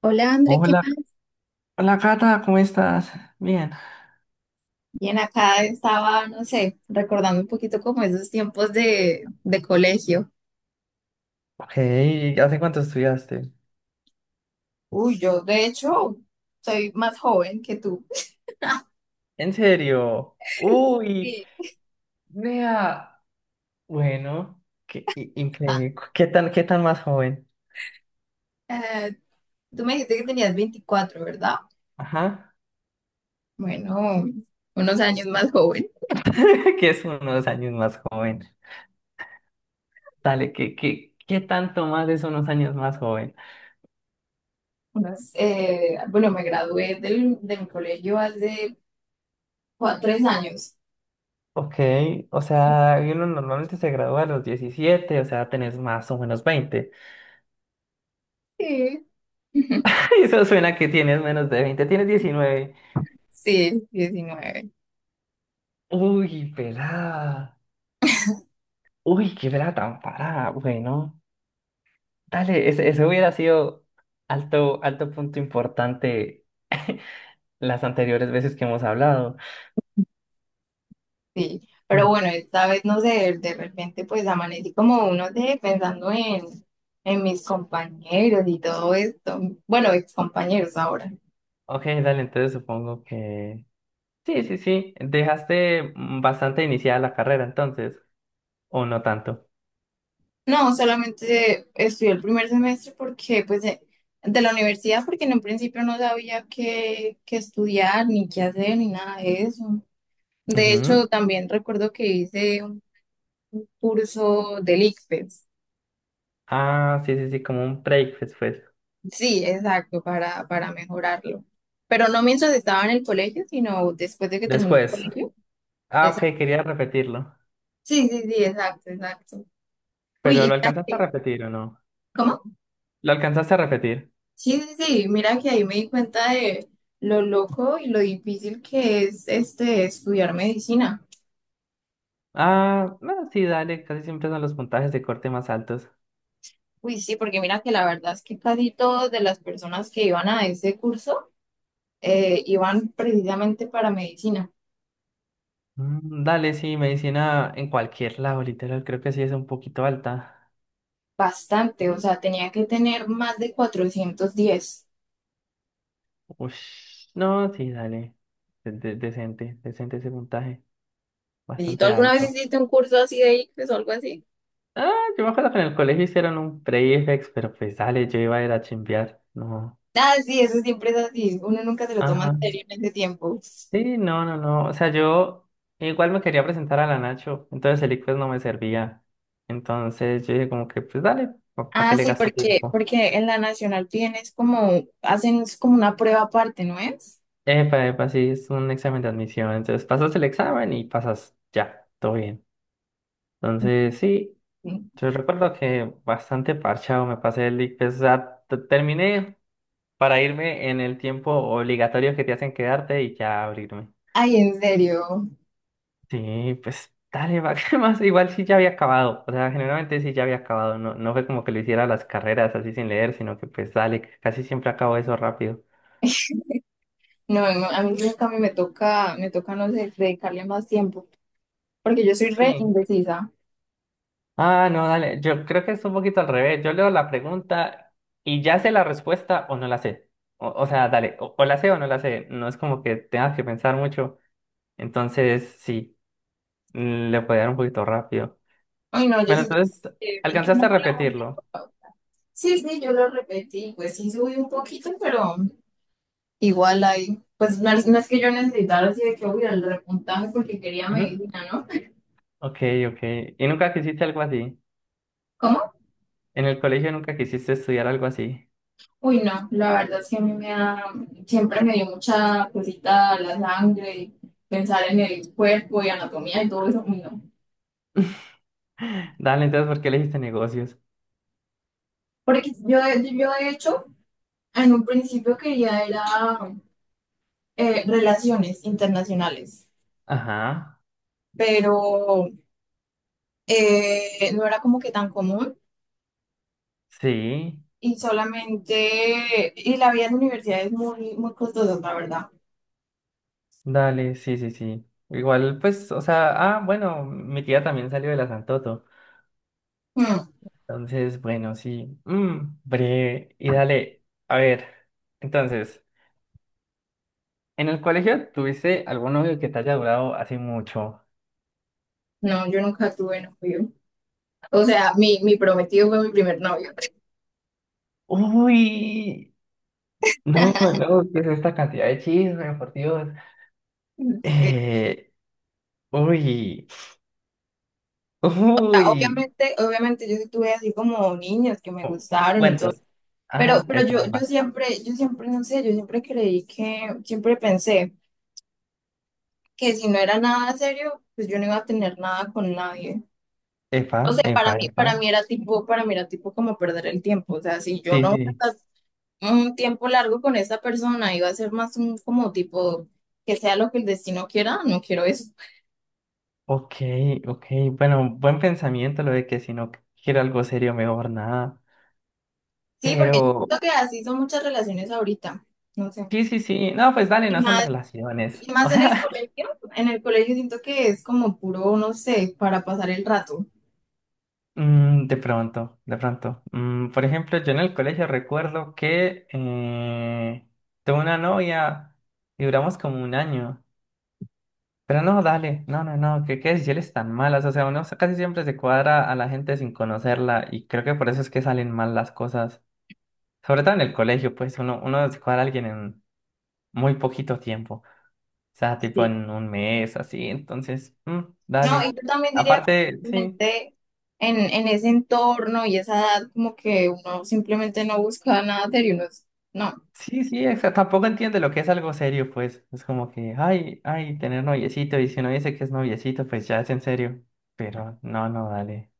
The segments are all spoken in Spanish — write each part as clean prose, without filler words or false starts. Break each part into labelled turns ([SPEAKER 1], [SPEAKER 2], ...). [SPEAKER 1] Hola, André, ¿qué
[SPEAKER 2] Hola,
[SPEAKER 1] más?
[SPEAKER 2] hola Cata, ¿cómo estás? Bien.
[SPEAKER 1] Bien, acá estaba, no sé, recordando un poquito como esos tiempos de colegio.
[SPEAKER 2] Ok, ¿hace cuánto estudiaste?
[SPEAKER 1] Uy, yo de hecho soy más joven que tú.
[SPEAKER 2] ¿En serio? Uy,
[SPEAKER 1] Sí.
[SPEAKER 2] Nea. Bueno, qué increíble. ¿Qué tan más joven?
[SPEAKER 1] Eh, Tú me dijiste que tenías 24, ¿verdad?
[SPEAKER 2] Ajá.
[SPEAKER 1] Bueno, unos años más joven.
[SPEAKER 2] Que es unos años más joven. Dale, ¿qué tanto más es unos años más joven?
[SPEAKER 1] Unos, bueno, me gradué de mi colegio hace tres años.
[SPEAKER 2] Ok, o sea, uno normalmente se gradúa a los 17, o sea, tenés más o menos 20.
[SPEAKER 1] Sí.
[SPEAKER 2] Eso suena que tienes menos de 20. Tienes 19.
[SPEAKER 1] Sí, 19.
[SPEAKER 2] Uy, pelada. Uy, qué pelada tan parada, bueno. Dale, ese hubiera sido alto punto importante las anteriores veces que hemos hablado.
[SPEAKER 1] Sí, pero
[SPEAKER 2] Mm.
[SPEAKER 1] bueno, esta vez no sé, de repente pues amanecí como uno de pensando en mis compañeros y todo esto. Bueno, ex compañeros ahora.
[SPEAKER 2] Ok, dale, entonces supongo que... Sí, sí, sí. Dejaste bastante iniciada la carrera entonces, o no tanto.
[SPEAKER 1] No, solamente estudié el primer semestre porque pues de la universidad, porque en un principio no sabía qué estudiar, ni qué hacer, ni nada de eso. De hecho,
[SPEAKER 2] Ujú.
[SPEAKER 1] también recuerdo que hice un curso del ICFES.
[SPEAKER 2] Ah, sí, sí, sí, como un break después.
[SPEAKER 1] Sí, exacto, para mejorarlo. Pero no mientras estaba en el colegio, sino después de que terminé el
[SPEAKER 2] Después.
[SPEAKER 1] colegio.
[SPEAKER 2] Ah, ok,
[SPEAKER 1] Exacto.
[SPEAKER 2] quería repetirlo.
[SPEAKER 1] Sí, sí, sí, exacto, exacto. Uy,
[SPEAKER 2] Pero ¿lo
[SPEAKER 1] y
[SPEAKER 2] alcanzaste a repetir o no?
[SPEAKER 1] ¿cómo?
[SPEAKER 2] ¿Lo alcanzaste a repetir?
[SPEAKER 1] Sí, sí, sí, mira que ahí me di cuenta de lo loco y lo difícil que es este estudiar medicina.
[SPEAKER 2] Ah, bueno, sí, dale, casi siempre son los puntajes de corte más altos.
[SPEAKER 1] Uy, sí, porque mira que la verdad es que casi todas de las personas que iban a ese curso iban precisamente para medicina.
[SPEAKER 2] Mm, dale, sí, medicina en cualquier lado, literal, creo que sí es un poquito alta.
[SPEAKER 1] Bastante, o
[SPEAKER 2] Mm,
[SPEAKER 1] sea, tenía que tener más de 410.
[SPEAKER 2] ush, no, sí, dale. Decente, decente ese puntaje,
[SPEAKER 1] ¿Y tú
[SPEAKER 2] bastante
[SPEAKER 1] alguna vez
[SPEAKER 2] alto.
[SPEAKER 1] hiciste un curso así de ICFES o algo así?
[SPEAKER 2] Ah, yo me acuerdo que en el colegio hicieron un prefix, pero pues dale, yo iba a ir a chimbear, no.
[SPEAKER 1] Ah, sí, eso siempre es así. Uno nunca se lo toma en
[SPEAKER 2] Ajá.
[SPEAKER 1] serio en ese tiempo.
[SPEAKER 2] Sí, no, no, no. O sea, yo igual me quería presentar a la Nacho, entonces el ICFES no me servía. Entonces yo dije como que, pues dale, ¿para qué
[SPEAKER 1] Ah,
[SPEAKER 2] le
[SPEAKER 1] sí,
[SPEAKER 2] gasto
[SPEAKER 1] porque,
[SPEAKER 2] tiempo?
[SPEAKER 1] porque en la nacional piden es como, hacen es como una prueba aparte, ¿no es?
[SPEAKER 2] Epa, epa, sí, es un examen de admisión. Entonces pasas el examen y pasas ya, todo bien. Entonces, sí,
[SPEAKER 1] Sí.
[SPEAKER 2] yo recuerdo que bastante parchado me pasé el ICFES. O sea, terminé para irme en el tiempo obligatorio que te hacen quedarte y ya abrirme.
[SPEAKER 1] Ay, en serio.
[SPEAKER 2] Sí, pues dale, va, ¿qué más? Igual sí ya había acabado. O sea, generalmente sí ya había acabado. No, no fue como que lo hiciera las carreras así sin leer, sino que pues dale, casi siempre acabo eso rápido.
[SPEAKER 1] No, no, a mí nunca me toca, no sé, dedicarle más tiempo, porque yo soy re
[SPEAKER 2] Sí.
[SPEAKER 1] indecisa.
[SPEAKER 2] Ah, no, dale. Yo creo que es un poquito al revés. Yo leo la pregunta y ya sé la respuesta o no la sé. O sea, dale, o la sé o no la sé. No es como que tengas que pensar mucho. Entonces, sí, le puede dar un poquito rápido.
[SPEAKER 1] Ay, no, yo
[SPEAKER 2] Pero
[SPEAKER 1] sí,
[SPEAKER 2] entonces,
[SPEAKER 1] me
[SPEAKER 2] ¿alcanzaste
[SPEAKER 1] inclino
[SPEAKER 2] a
[SPEAKER 1] por la.
[SPEAKER 2] repetirlo?
[SPEAKER 1] Sí, sí, yo lo repetí, pues sí subí un poquito, pero. Igual hay, pues no es que yo necesitara así de que, uy, el repuntaje porque quería
[SPEAKER 2] Ujú.
[SPEAKER 1] medicina, ¿no?
[SPEAKER 2] Ok, ok. ¿Y nunca quisiste algo así?
[SPEAKER 1] ¿Cómo?
[SPEAKER 2] ¿En el colegio nunca quisiste estudiar algo así?
[SPEAKER 1] Uy, no, la verdad es que a mí me da, siempre me dio mucha cosita la sangre, y pensar en el cuerpo y anatomía y todo eso, uy, no.
[SPEAKER 2] Dale, entonces, ¿por qué elegiste negocios?
[SPEAKER 1] Porque yo de hecho, en un principio quería era relaciones internacionales,
[SPEAKER 2] Ajá,
[SPEAKER 1] pero no era como que tan común
[SPEAKER 2] sí.
[SPEAKER 1] y solamente, y la vida en la universidad es muy, muy costosa, la verdad.
[SPEAKER 2] Dale, sí, sí, sí. Igual, pues, o sea, ah, bueno, mi tía también salió de la Santoto.
[SPEAKER 1] Mm.
[SPEAKER 2] Entonces, bueno, sí. Mm, breve. Y dale, a ver. Entonces, ¿en el colegio tuviste algún novio que te haya durado así mucho?
[SPEAKER 1] No, yo nunca tuve novio. O sea, mi prometido fue mi primer novio.
[SPEAKER 2] Uy, no, no, ¿qué es esta cantidad de chisme, por Dios? Eh, Uy,
[SPEAKER 1] O sea,
[SPEAKER 2] uy.
[SPEAKER 1] obviamente, obviamente yo sí tuve así como niñas que me
[SPEAKER 2] cu-
[SPEAKER 1] gustaron y todo.
[SPEAKER 2] Cuentos.
[SPEAKER 1] Pero,
[SPEAKER 2] Ajá,
[SPEAKER 1] pero yo,
[SPEAKER 2] epa,
[SPEAKER 1] yo
[SPEAKER 2] epa.
[SPEAKER 1] siempre, yo siempre, no sé, yo siempre creí que, siempre pensé que si no era nada serio, pues yo no iba a tener nada con nadie.
[SPEAKER 2] Epa,
[SPEAKER 1] O sea, para
[SPEAKER 2] epa,
[SPEAKER 1] mí,
[SPEAKER 2] epa.
[SPEAKER 1] para mí era tipo, como perder el tiempo. O sea, si yo no
[SPEAKER 2] Sí,
[SPEAKER 1] iba
[SPEAKER 2] sí.
[SPEAKER 1] a estar un tiempo largo con esa persona, iba a ser más un como tipo que sea lo que el destino quiera, no quiero eso.
[SPEAKER 2] Ok, ok, bueno, buen pensamiento lo de que si no quiero algo serio, mejor nada.
[SPEAKER 1] Sí, porque yo
[SPEAKER 2] Pero
[SPEAKER 1] siento que así son muchas relaciones ahorita, no sé.
[SPEAKER 2] sí, sí, sí, no, pues dale,
[SPEAKER 1] Y
[SPEAKER 2] no son
[SPEAKER 1] más,
[SPEAKER 2] relaciones.
[SPEAKER 1] y
[SPEAKER 2] O
[SPEAKER 1] más en el
[SPEAKER 2] sea,
[SPEAKER 1] colegio, siento que es como puro, no sé, para pasar el rato.
[SPEAKER 2] de pronto, de pronto. Por ejemplo, yo en el colegio recuerdo que tuve una novia y duramos como un año. Pero no, dale, no, no, no, qué decisiones tan malas. O sea, uno, casi siempre se cuadra a la gente sin conocerla y creo que por eso es que salen mal las cosas. Sobre todo en el colegio, pues uno se cuadra a alguien en muy poquito tiempo, o sea, tipo
[SPEAKER 1] Sí.
[SPEAKER 2] en un mes, así, entonces,
[SPEAKER 1] No, y
[SPEAKER 2] dale.
[SPEAKER 1] yo también diría que
[SPEAKER 2] Aparte, sí,
[SPEAKER 1] simplemente en ese entorno y esa edad, como que uno simplemente no busca nada serio, no.
[SPEAKER 2] sí, sí, o tampoco entiende lo que es algo serio, pues, es como que, tener noviecito, y si uno dice que es noviecito, pues ya es en serio, pero no, no, dale,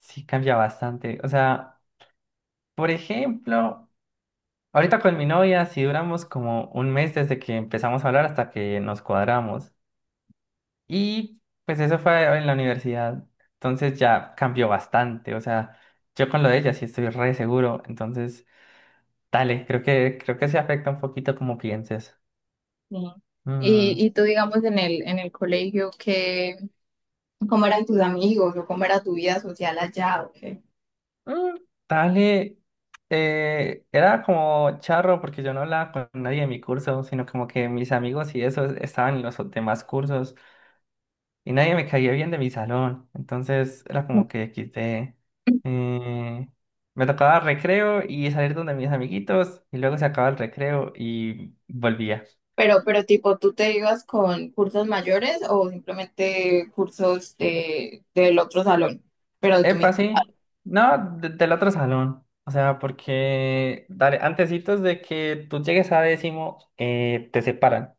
[SPEAKER 2] sí cambia bastante, o sea, por ejemplo, ahorita con mi novia, si duramos como un mes desde que empezamos a hablar hasta que nos cuadramos. Y pues eso fue en la universidad. Entonces ya cambió bastante. O sea, yo con lo de ella sí estoy re seguro. Entonces, dale, creo que se afecta un poquito como pienses.
[SPEAKER 1] Sí.
[SPEAKER 2] Mm,
[SPEAKER 1] Y tú, digamos, en el colegio, ¿cómo eran tus amigos o cómo era tu vida social allá? ¿O qué?
[SPEAKER 2] mm, dale. Era como charro porque yo no hablaba con nadie de mi curso, sino como que mis amigos y eso estaban en los demás cursos. Y nadie me caía bien de mi salón. Entonces era como que quité. eh, me tocaba recreo y salir donde mis amiguitos y luego se acaba el recreo y volvía.
[SPEAKER 1] Pero tipo, ¿tú te ibas con cursos mayores o simplemente cursos del otro salón? Pero de tu
[SPEAKER 2] Epa,
[SPEAKER 1] mismo.
[SPEAKER 2] sí. No, del otro salón. O sea, porque dale, antecitos de que tú llegues a décimo, te separan.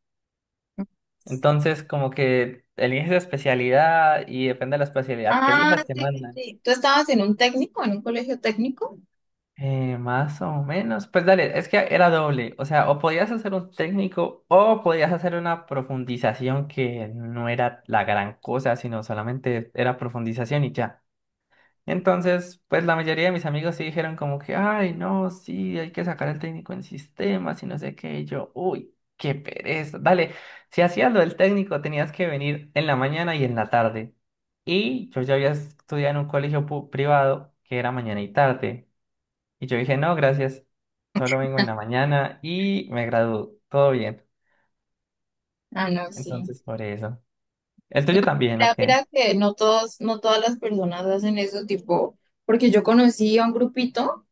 [SPEAKER 2] Entonces, como que eliges especialidad y depende de la especialidad que
[SPEAKER 1] Ah,
[SPEAKER 2] elijas, te
[SPEAKER 1] sí, sí,
[SPEAKER 2] mandan.
[SPEAKER 1] sí. ¿Tú estabas en un técnico, en un colegio técnico?
[SPEAKER 2] Más o menos. Pues dale, es que era doble. O sea, o podías hacer un técnico o podías hacer una profundización que no era la gran cosa, sino solamente era profundización y ya. Entonces, pues la mayoría de mis amigos sí dijeron como que, ay, no, sí, hay que sacar el técnico en sistemas y no sé qué. Y yo, uy, qué pereza. Dale, si hacías lo del técnico tenías que venir en la mañana y en la tarde. Y yo ya había estudiado en un colegio privado que era mañana y tarde. Y yo dije, no, gracias, solo vengo en la mañana y me gradúo, todo bien.
[SPEAKER 1] Ah, no, sí.
[SPEAKER 2] Entonces, por eso. ¿El tuyo también, o
[SPEAKER 1] Mira,
[SPEAKER 2] qué?
[SPEAKER 1] mira que no todas las personas hacen eso, tipo, porque yo conocí a un grupito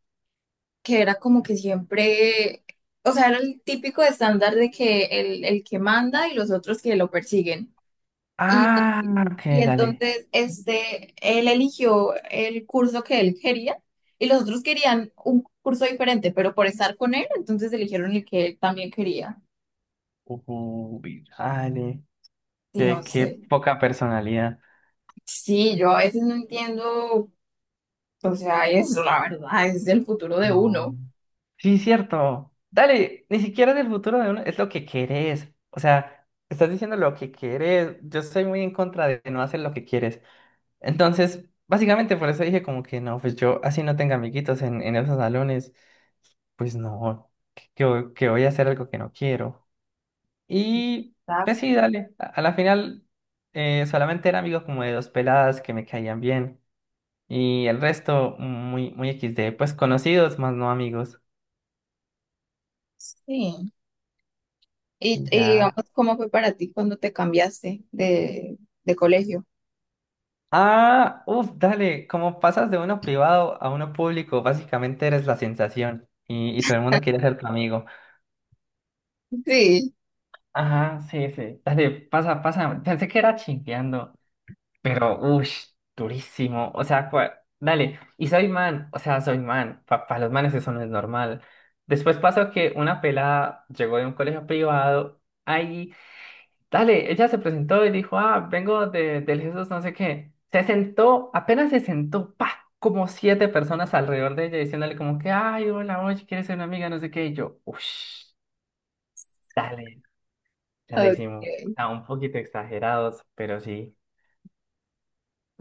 [SPEAKER 1] que era como que siempre, o sea, era el típico estándar de que el que manda y los otros que lo persiguen.
[SPEAKER 2] Ah, ok,
[SPEAKER 1] Y
[SPEAKER 2] dale,
[SPEAKER 1] entonces, él eligió el curso que él quería y los otros querían un curso diferente, pero por estar con él, entonces eligieron el que él también quería.
[SPEAKER 2] dale.
[SPEAKER 1] Sí, no
[SPEAKER 2] Qué
[SPEAKER 1] sé.
[SPEAKER 2] poca personalidad.
[SPEAKER 1] Sí, yo a veces no entiendo, o sea, eso la verdad, es el futuro de
[SPEAKER 2] No.
[SPEAKER 1] uno.
[SPEAKER 2] Sí, cierto. Dale, ni siquiera del futuro de uno, es lo que querés. O sea, estás diciendo lo que querés. Yo estoy muy en contra de no hacer lo que quieres. Entonces, básicamente por eso dije como que no, pues yo así no tenga amiguitos en, esos salones. Pues no, que voy a hacer algo que no quiero. Y pues sí,
[SPEAKER 1] Exacto.
[SPEAKER 2] dale, a la final solamente era amigo como de dos peladas que me caían bien y el resto muy, muy XD, pues conocidos más no amigos.
[SPEAKER 1] Sí. Y,
[SPEAKER 2] Y
[SPEAKER 1] y digamos,
[SPEAKER 2] ya.
[SPEAKER 1] ¿cómo fue para ti cuando te cambiaste de colegio?
[SPEAKER 2] Ah, uff, dale, como pasas de uno privado a uno público, básicamente eres la sensación y todo el mundo quiere ser tu amigo.
[SPEAKER 1] Sí.
[SPEAKER 2] Ajá, sí, sí, dale, pasa, pasa, pensé que era chingueando. Pero, uff, durísimo. O sea, dale. Y soy man, o sea, soy man. Para los manes eso no es normal. Después pasó que una pelada llegó de un colegio privado. Ahí, dale, ella se presentó y dijo, ah, vengo del Jesús, no sé qué. Se sentó, apenas se sentó, pa, como siete personas alrededor de ella diciéndole como que, ay, hola, oye, ¿quieres ser una amiga? No sé qué. Y yo, uff, dale, rarísimo. O
[SPEAKER 1] Ok.
[SPEAKER 2] sea, un poquito exagerados, pero sí.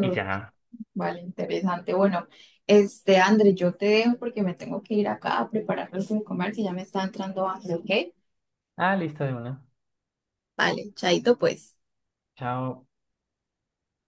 [SPEAKER 2] Y ya.
[SPEAKER 1] Vale, interesante. Bueno, André, yo te dejo porque me tengo que ir acá a preparar algo de comer que ya me está entrando hambre, ¿ok?
[SPEAKER 2] Ah, listo de una.
[SPEAKER 1] Vale, chaito pues.
[SPEAKER 2] Chao.